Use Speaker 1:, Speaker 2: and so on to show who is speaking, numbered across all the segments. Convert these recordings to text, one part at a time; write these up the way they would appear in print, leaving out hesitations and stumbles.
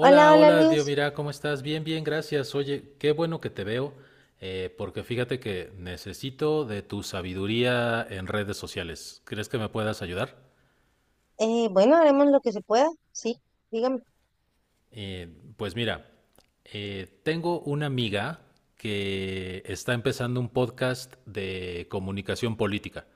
Speaker 1: Hola, hola,
Speaker 2: hola, Dios,
Speaker 1: Luis.
Speaker 2: mira, ¿cómo estás? Bien, bien, gracias. Oye, qué bueno que te veo, porque fíjate que necesito de tu sabiduría en redes sociales. ¿Crees que me puedas ayudar?
Speaker 1: Bueno, haremos lo que se pueda, sí, dígame.
Speaker 2: Eh, pues mira, tengo una amiga que está empezando un podcast de comunicación política.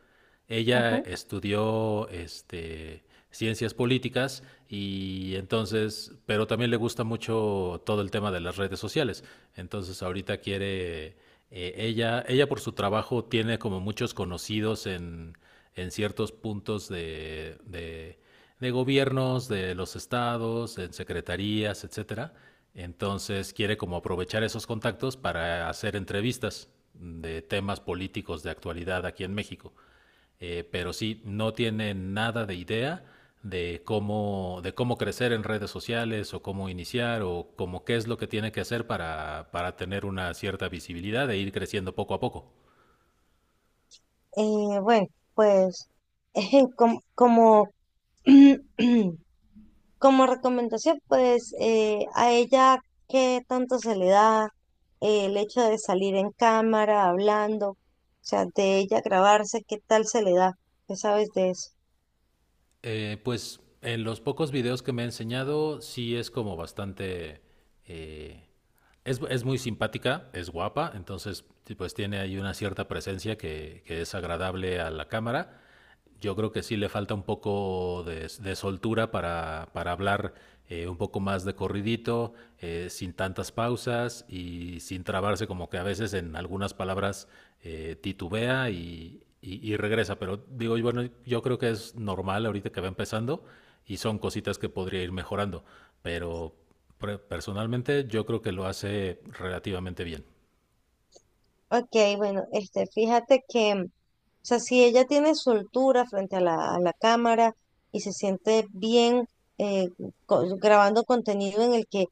Speaker 2: Ella
Speaker 1: Ujú.
Speaker 2: estudió ciencias políticas y entonces, pero también le gusta mucho todo el tema de las redes sociales. Entonces ahorita quiere, ella por su trabajo tiene como muchos conocidos en ciertos puntos de gobiernos, de los estados, en secretarías, etcétera. Entonces quiere como aprovechar esos contactos para hacer entrevistas de temas políticos de actualidad aquí en México. Pero sí, no tiene nada de idea de cómo crecer en redes sociales o cómo iniciar o cómo qué es lo que tiene que hacer para tener una cierta visibilidad e ir creciendo poco a poco.
Speaker 1: Bueno, pues eh, como, como, como recomendación, pues a ella qué tanto se le da el hecho de salir en cámara, hablando, o sea, de ella grabarse, qué tal se le da, ¿qué sabes de eso?
Speaker 2: Pues en los pocos videos que me ha enseñado sí es como bastante... eh, es muy simpática, es guapa, entonces sí, pues tiene ahí una cierta presencia que es agradable a la cámara. Yo creo que sí le falta un poco de soltura para hablar un poco más de corridito, sin tantas pausas y sin trabarse como que a veces en algunas palabras titubea y regresa. Pero digo, bueno, yo creo que es normal ahorita que va empezando y son cositas que podría ir mejorando. Pero personalmente yo creo que lo hace relativamente bien.
Speaker 1: Ok, bueno, este, fíjate que, o sea, si ella tiene soltura frente a la cámara y se siente bien eh, grabando contenido en el que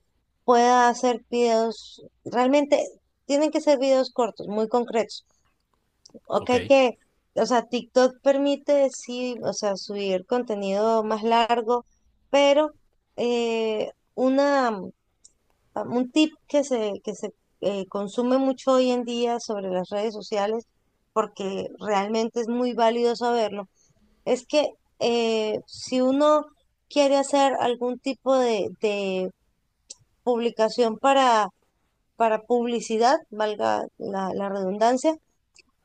Speaker 1: pueda hacer videos, realmente tienen que ser videos cortos, muy concretos. Ok,
Speaker 2: Ok,
Speaker 1: que, o sea, TikTok permite, sí, o sea, subir contenido más largo, pero eh, una... ah, un tip que se consume mucho hoy en día sobre las redes sociales, porque realmente es muy válido saberlo, es que si uno quiere hacer algún tipo de publicación para publicidad, valga la redundancia,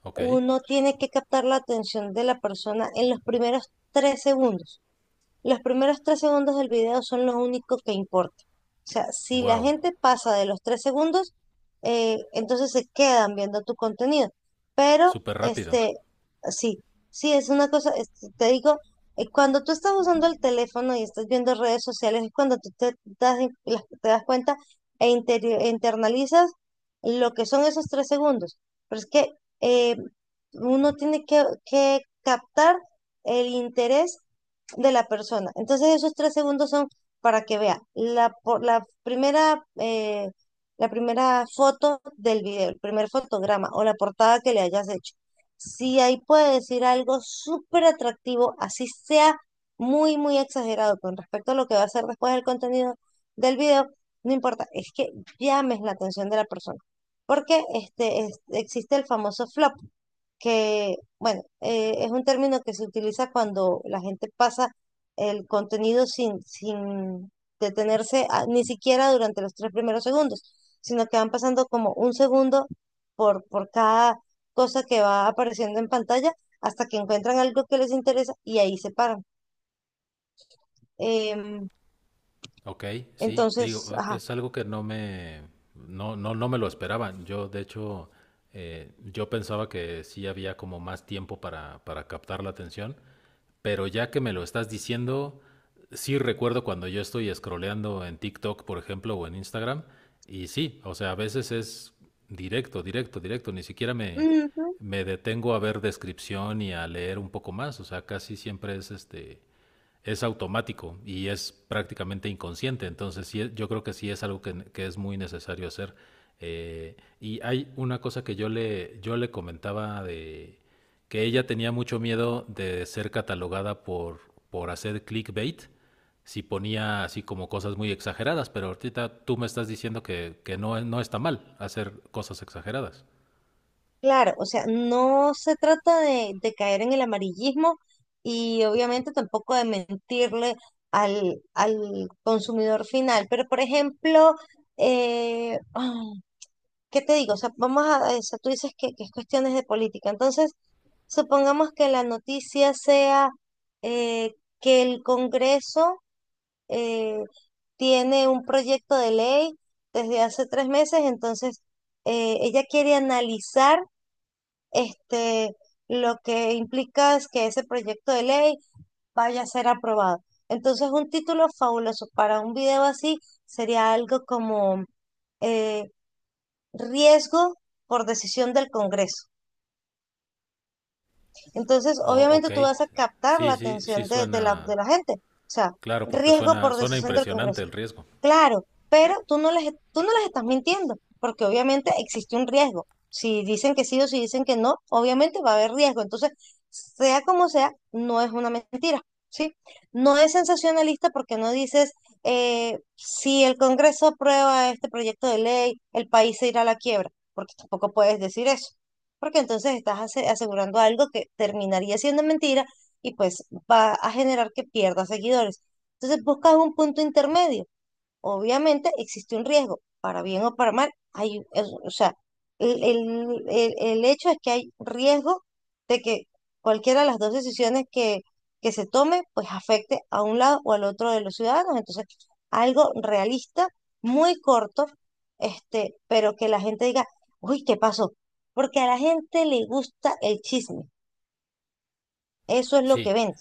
Speaker 2: ok.
Speaker 1: uno tiene que captar la atención de la persona en los primeros 3 segundos. Los primeros tres segundos del video son los únicos que importan. O sea, si la
Speaker 2: Wow,
Speaker 1: gente pasa de los 3 segundos, entonces se quedan viendo tu contenido. Pero,
Speaker 2: súper rápido.
Speaker 1: este, sí, sí, es una cosa, te digo, cuando tú estás usando el teléfono y estás viendo redes sociales, es cuando tú te das cuenta e internalizas lo que son esos 3 segundos. Pero es que eh, uno tiene que captar el interés de la persona. Entonces esos 3 segundos son para que vea la primera foto del video, el primer fotograma o la portada que le hayas hecho. Si ahí puede decir algo súper atractivo, así sea muy, muy exagerado con respecto a lo que va a ser después del contenido del video, no importa, es que llames la atención de la persona. Porque este, existe el famoso flop, que, bueno, es un término que se utiliza cuando la gente pasa el contenido sin detenerse ni siquiera durante los 3 primeros segundos, sino que van pasando como un segundo por cada cosa que va apareciendo en pantalla hasta que encuentran algo que les interesa y ahí se paran. Em,
Speaker 2: Ok, sí,
Speaker 1: entonces,
Speaker 2: digo,
Speaker 1: ajá.
Speaker 2: es algo que no me, no, no, no me lo esperaban. Yo, de hecho, yo pensaba que sí había como más tiempo para captar la atención, pero ya que me lo estás diciendo, sí recuerdo cuando yo estoy scrolleando en TikTok, por ejemplo, o en Instagram, y sí, o sea, a veces es directo, directo, directo, ni siquiera me, me detengo a ver descripción y a leer un poco más, o sea, casi siempre es es automático y es prácticamente inconsciente. Entonces, sí, yo creo que sí es algo que es muy necesario hacer. Y hay una cosa que yo le comentaba de que ella tenía mucho miedo de ser catalogada por hacer clickbait si ponía así como cosas muy exageradas, pero ahorita tú me estás diciendo que no, no está mal hacer cosas exageradas.
Speaker 1: Claro, o sea, no se trata de caer en el amarillismo y obviamente tampoco de mentirle al consumidor final, pero por ejemplo, ay, ¿qué te digo? O sea, o sea, tú dices que es cuestiones de política, entonces supongamos que la noticia sea eh, que el Congreso eh, tiene un proyecto de ley desde hace 3 meses, entonces ella quiere analizar este, lo que implica es que ese proyecto de ley vaya a ser aprobado. Entonces, un título fabuloso para un video así sería algo como eh, riesgo por decisión del Congreso. Entonces,
Speaker 2: Oh,
Speaker 1: obviamente
Speaker 2: ok,
Speaker 1: tú vas a captar
Speaker 2: sí,
Speaker 1: la
Speaker 2: sí, sí
Speaker 1: atención de, de la,
Speaker 2: suena,
Speaker 1: de la gente. O sea,
Speaker 2: claro, porque
Speaker 1: riesgo
Speaker 2: suena,
Speaker 1: por
Speaker 2: suena
Speaker 1: decisión del
Speaker 2: impresionante
Speaker 1: Congreso.
Speaker 2: el riesgo.
Speaker 1: Claro, pero tú no les estás mintiendo, porque obviamente existe un riesgo. Si dicen que sí o si dicen que no, obviamente va a haber riesgo. Entonces, sea como sea, no es una mentira, ¿sí? No es sensacionalista porque no dices, si el Congreso aprueba este proyecto de ley, el país se irá a la quiebra, porque tampoco puedes decir eso porque entonces estás asegurando algo que terminaría siendo mentira y pues va a generar que pierdas seguidores. Entonces buscas un punto intermedio. Obviamente existe un riesgo, para bien o para mal, o sea, el hecho es que hay riesgo de que cualquiera de las dos decisiones que se tome, pues afecte a un lado o al otro de los ciudadanos. Entonces, algo realista, muy corto, este, pero que la gente diga, uy, ¿qué pasó? Porque a la gente le gusta el chisme, eso es lo que
Speaker 2: Sí,
Speaker 1: vende.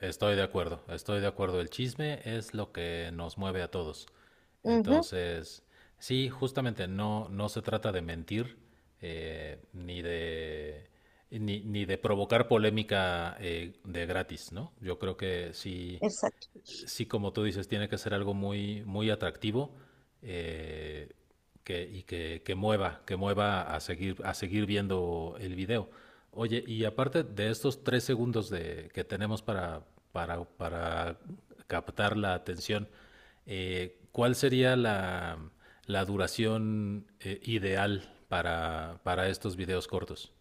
Speaker 2: estoy de acuerdo, estoy de acuerdo. El chisme es lo que nos mueve a todos.
Speaker 1: Ujú,
Speaker 2: Entonces, sí, justamente no, no se trata de mentir eh, ni de ni, ni de provocar polémica de gratis, ¿no? Yo creo que sí,
Speaker 1: exacto.
Speaker 2: sí, como tú dices, tiene que ser algo muy, muy atractivo eh, que, y que, que mueva a seguir viendo el video. Oye, y aparte de estos tres segundos que tenemos para captar la atención, ¿cuál sería la, la duración ideal para estos videos cortos?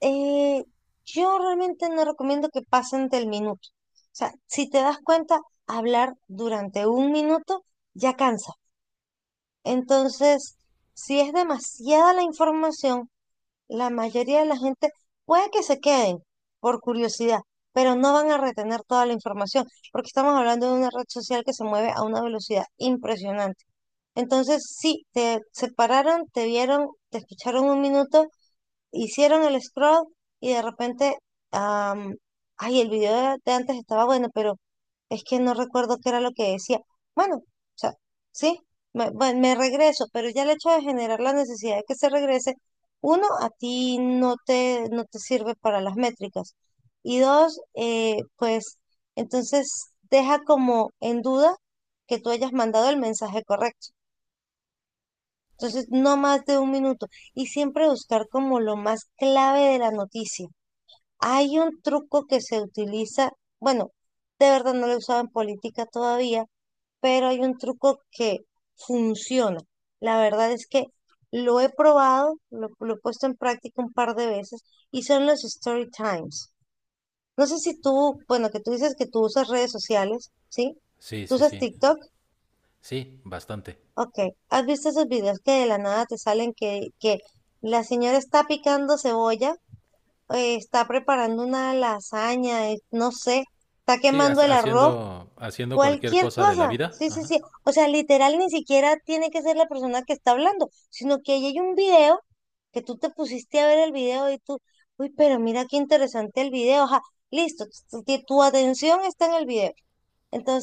Speaker 1: Eh, yo realmente no recomiendo que pasen del minuto. O sea, si te das cuenta, hablar durante un minuto ya cansa. Entonces, si es demasiada la información, la mayoría de la gente puede que se queden por curiosidad, pero no van a retener toda la información, porque estamos hablando de una red social que se mueve a una velocidad impresionante. Entonces, sí, te separaron, te vieron, te escucharon un minuto, hicieron el scroll y de repente, am, ay, el video de antes estaba bueno, pero es que no recuerdo qué era lo que decía. Bueno, o sea, sí, bueno, me regreso, pero ya el hecho de generar la necesidad de que se regrese, uno, a ti no te sirve para las métricas. Y dos, pues entonces deja como en duda que tú hayas mandado el mensaje correcto. Entonces, no más de un minuto. Y siempre buscar como lo más clave de la noticia. Hay un truco que se utiliza, bueno, de verdad no lo he usado en política todavía, pero hay un truco que funciona. La verdad es que lo he probado, lo he puesto en práctica un par de veces y son los story times. No sé si tú, bueno, que tú dices que tú usas redes sociales, ¿sí?
Speaker 2: Sí,
Speaker 1: ¿Tú
Speaker 2: sí,
Speaker 1: usas
Speaker 2: sí.
Speaker 1: TikTok?
Speaker 2: Sí, bastante.
Speaker 1: Ok, ¿has visto esos videos que de la nada te salen que la señora está picando cebolla, está preparando una lasaña, no sé, está
Speaker 2: Sí,
Speaker 1: quemando el arroz,
Speaker 2: haciendo, haciendo cualquier
Speaker 1: cualquier
Speaker 2: cosa de la
Speaker 1: cosa?
Speaker 2: vida.
Speaker 1: Sí, sí,
Speaker 2: Ajá.
Speaker 1: sí. O sea, literal ni siquiera tiene que ser la persona que está hablando, sino que ahí hay un video que tú te pusiste a ver el video y tú, uy, pero mira qué interesante el video, ajá, listo, tu atención está en el video.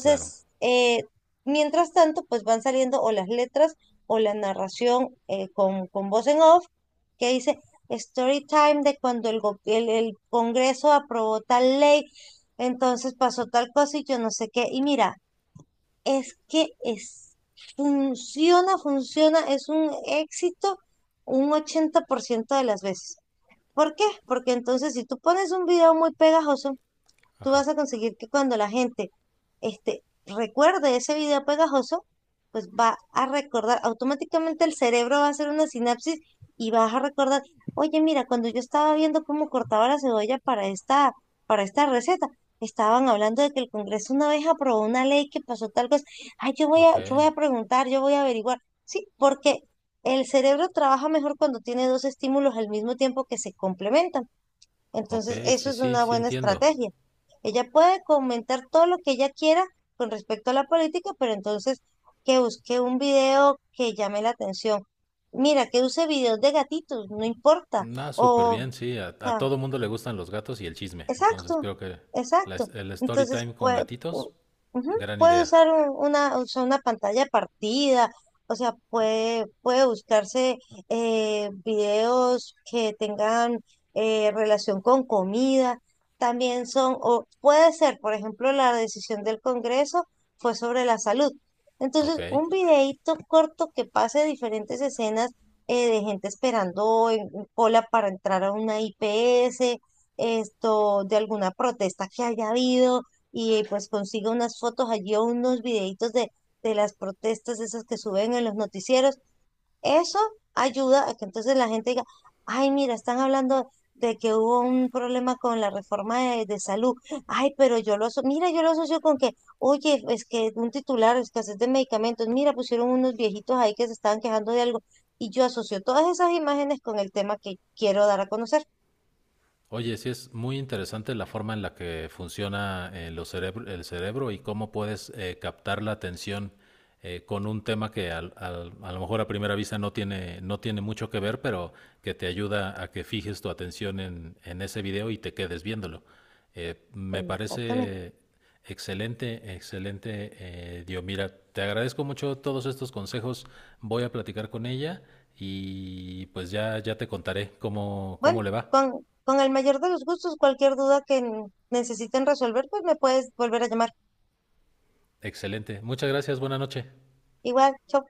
Speaker 2: Claro,
Speaker 1: mientras tanto, pues van saliendo o las letras o la narración con voz en off que dice story time de cuando el Congreso aprobó tal ley, entonces pasó tal cosa y yo no sé qué. Y mira, es que es, funciona, funciona, es un éxito un 80% de las veces. ¿Por qué? Porque entonces si tú pones un video muy pegajoso, tú
Speaker 2: ajá.
Speaker 1: vas a conseguir que cuando la gente este, recuerde ese video pegajoso, pues va a recordar, automáticamente el cerebro va a hacer una sinapsis y vas a recordar, oye, mira, cuando yo estaba viendo cómo cortaba la cebolla para esta receta, estaban hablando de que el Congreso una vez aprobó una ley que pasó tal cosa, ay,
Speaker 2: Ok,
Speaker 1: yo voy a preguntar, yo voy a averiguar, sí, porque el cerebro trabaja mejor cuando tiene dos estímulos al mismo tiempo que se complementan.
Speaker 2: ok,
Speaker 1: Entonces, eso
Speaker 2: sí,
Speaker 1: es
Speaker 2: sí,
Speaker 1: una
Speaker 2: sí
Speaker 1: buena
Speaker 2: entiendo.
Speaker 1: estrategia. Ella puede comentar todo lo que ella quiera con respecto a la política, pero entonces que busque un video que llame la atención. Mira, que use videos de gatitos, no importa.
Speaker 2: Nada, súper
Speaker 1: O,
Speaker 2: bien, sí. A todo mundo le gustan los gatos y el chisme. Entonces
Speaker 1: Exacto,
Speaker 2: creo que
Speaker 1: exacto.
Speaker 2: el story
Speaker 1: Entonces,
Speaker 2: time con gatitos,
Speaker 1: u- ujú,
Speaker 2: gran
Speaker 1: puede
Speaker 2: idea.
Speaker 1: usar una, o sea, una pantalla partida, o sea, puede, buscarse videos que tengan relación con comida. También son, o puede ser, por ejemplo, la decisión del Congreso fue sobre la salud.
Speaker 2: Ok.
Speaker 1: Entonces, un videíto corto que pase diferentes escenas de gente esperando en cola para entrar a una IPS, esto de alguna protesta que haya habido y pues consiga unas fotos allí o unos videitos de las protestas esas que suben en los noticieros. Eso ayuda a que entonces la gente diga, ay, mira, están hablando de que hubo un problema con la reforma de salud. Ay, pero yo lo aso mira, yo lo asocio con que, oye, es que un titular, escasez de medicamentos, mira, pusieron unos viejitos ahí que se estaban quejando de algo. Y yo asocio todas esas imágenes con el tema que quiero dar a conocer.
Speaker 2: Oye, sí es muy interesante la forma en la que funciona el cerebro y cómo puedes captar la atención con un tema que a lo mejor a primera vista no tiene, no tiene mucho que ver, pero que te ayuda a que fijes tu atención en ese video y te quedes viéndolo. Me
Speaker 1: Exactamente.
Speaker 2: parece excelente, excelente, Dio. Mira, te agradezco mucho todos estos consejos. Voy a platicar con ella y pues ya, ya te contaré cómo,
Speaker 1: Bueno,
Speaker 2: cómo le va.
Speaker 1: con el mayor de los gustos, cualquier duda que necesiten resolver, pues me puedes volver a llamar.
Speaker 2: Excelente. Muchas gracias. Buenas noches.
Speaker 1: Igual, chao.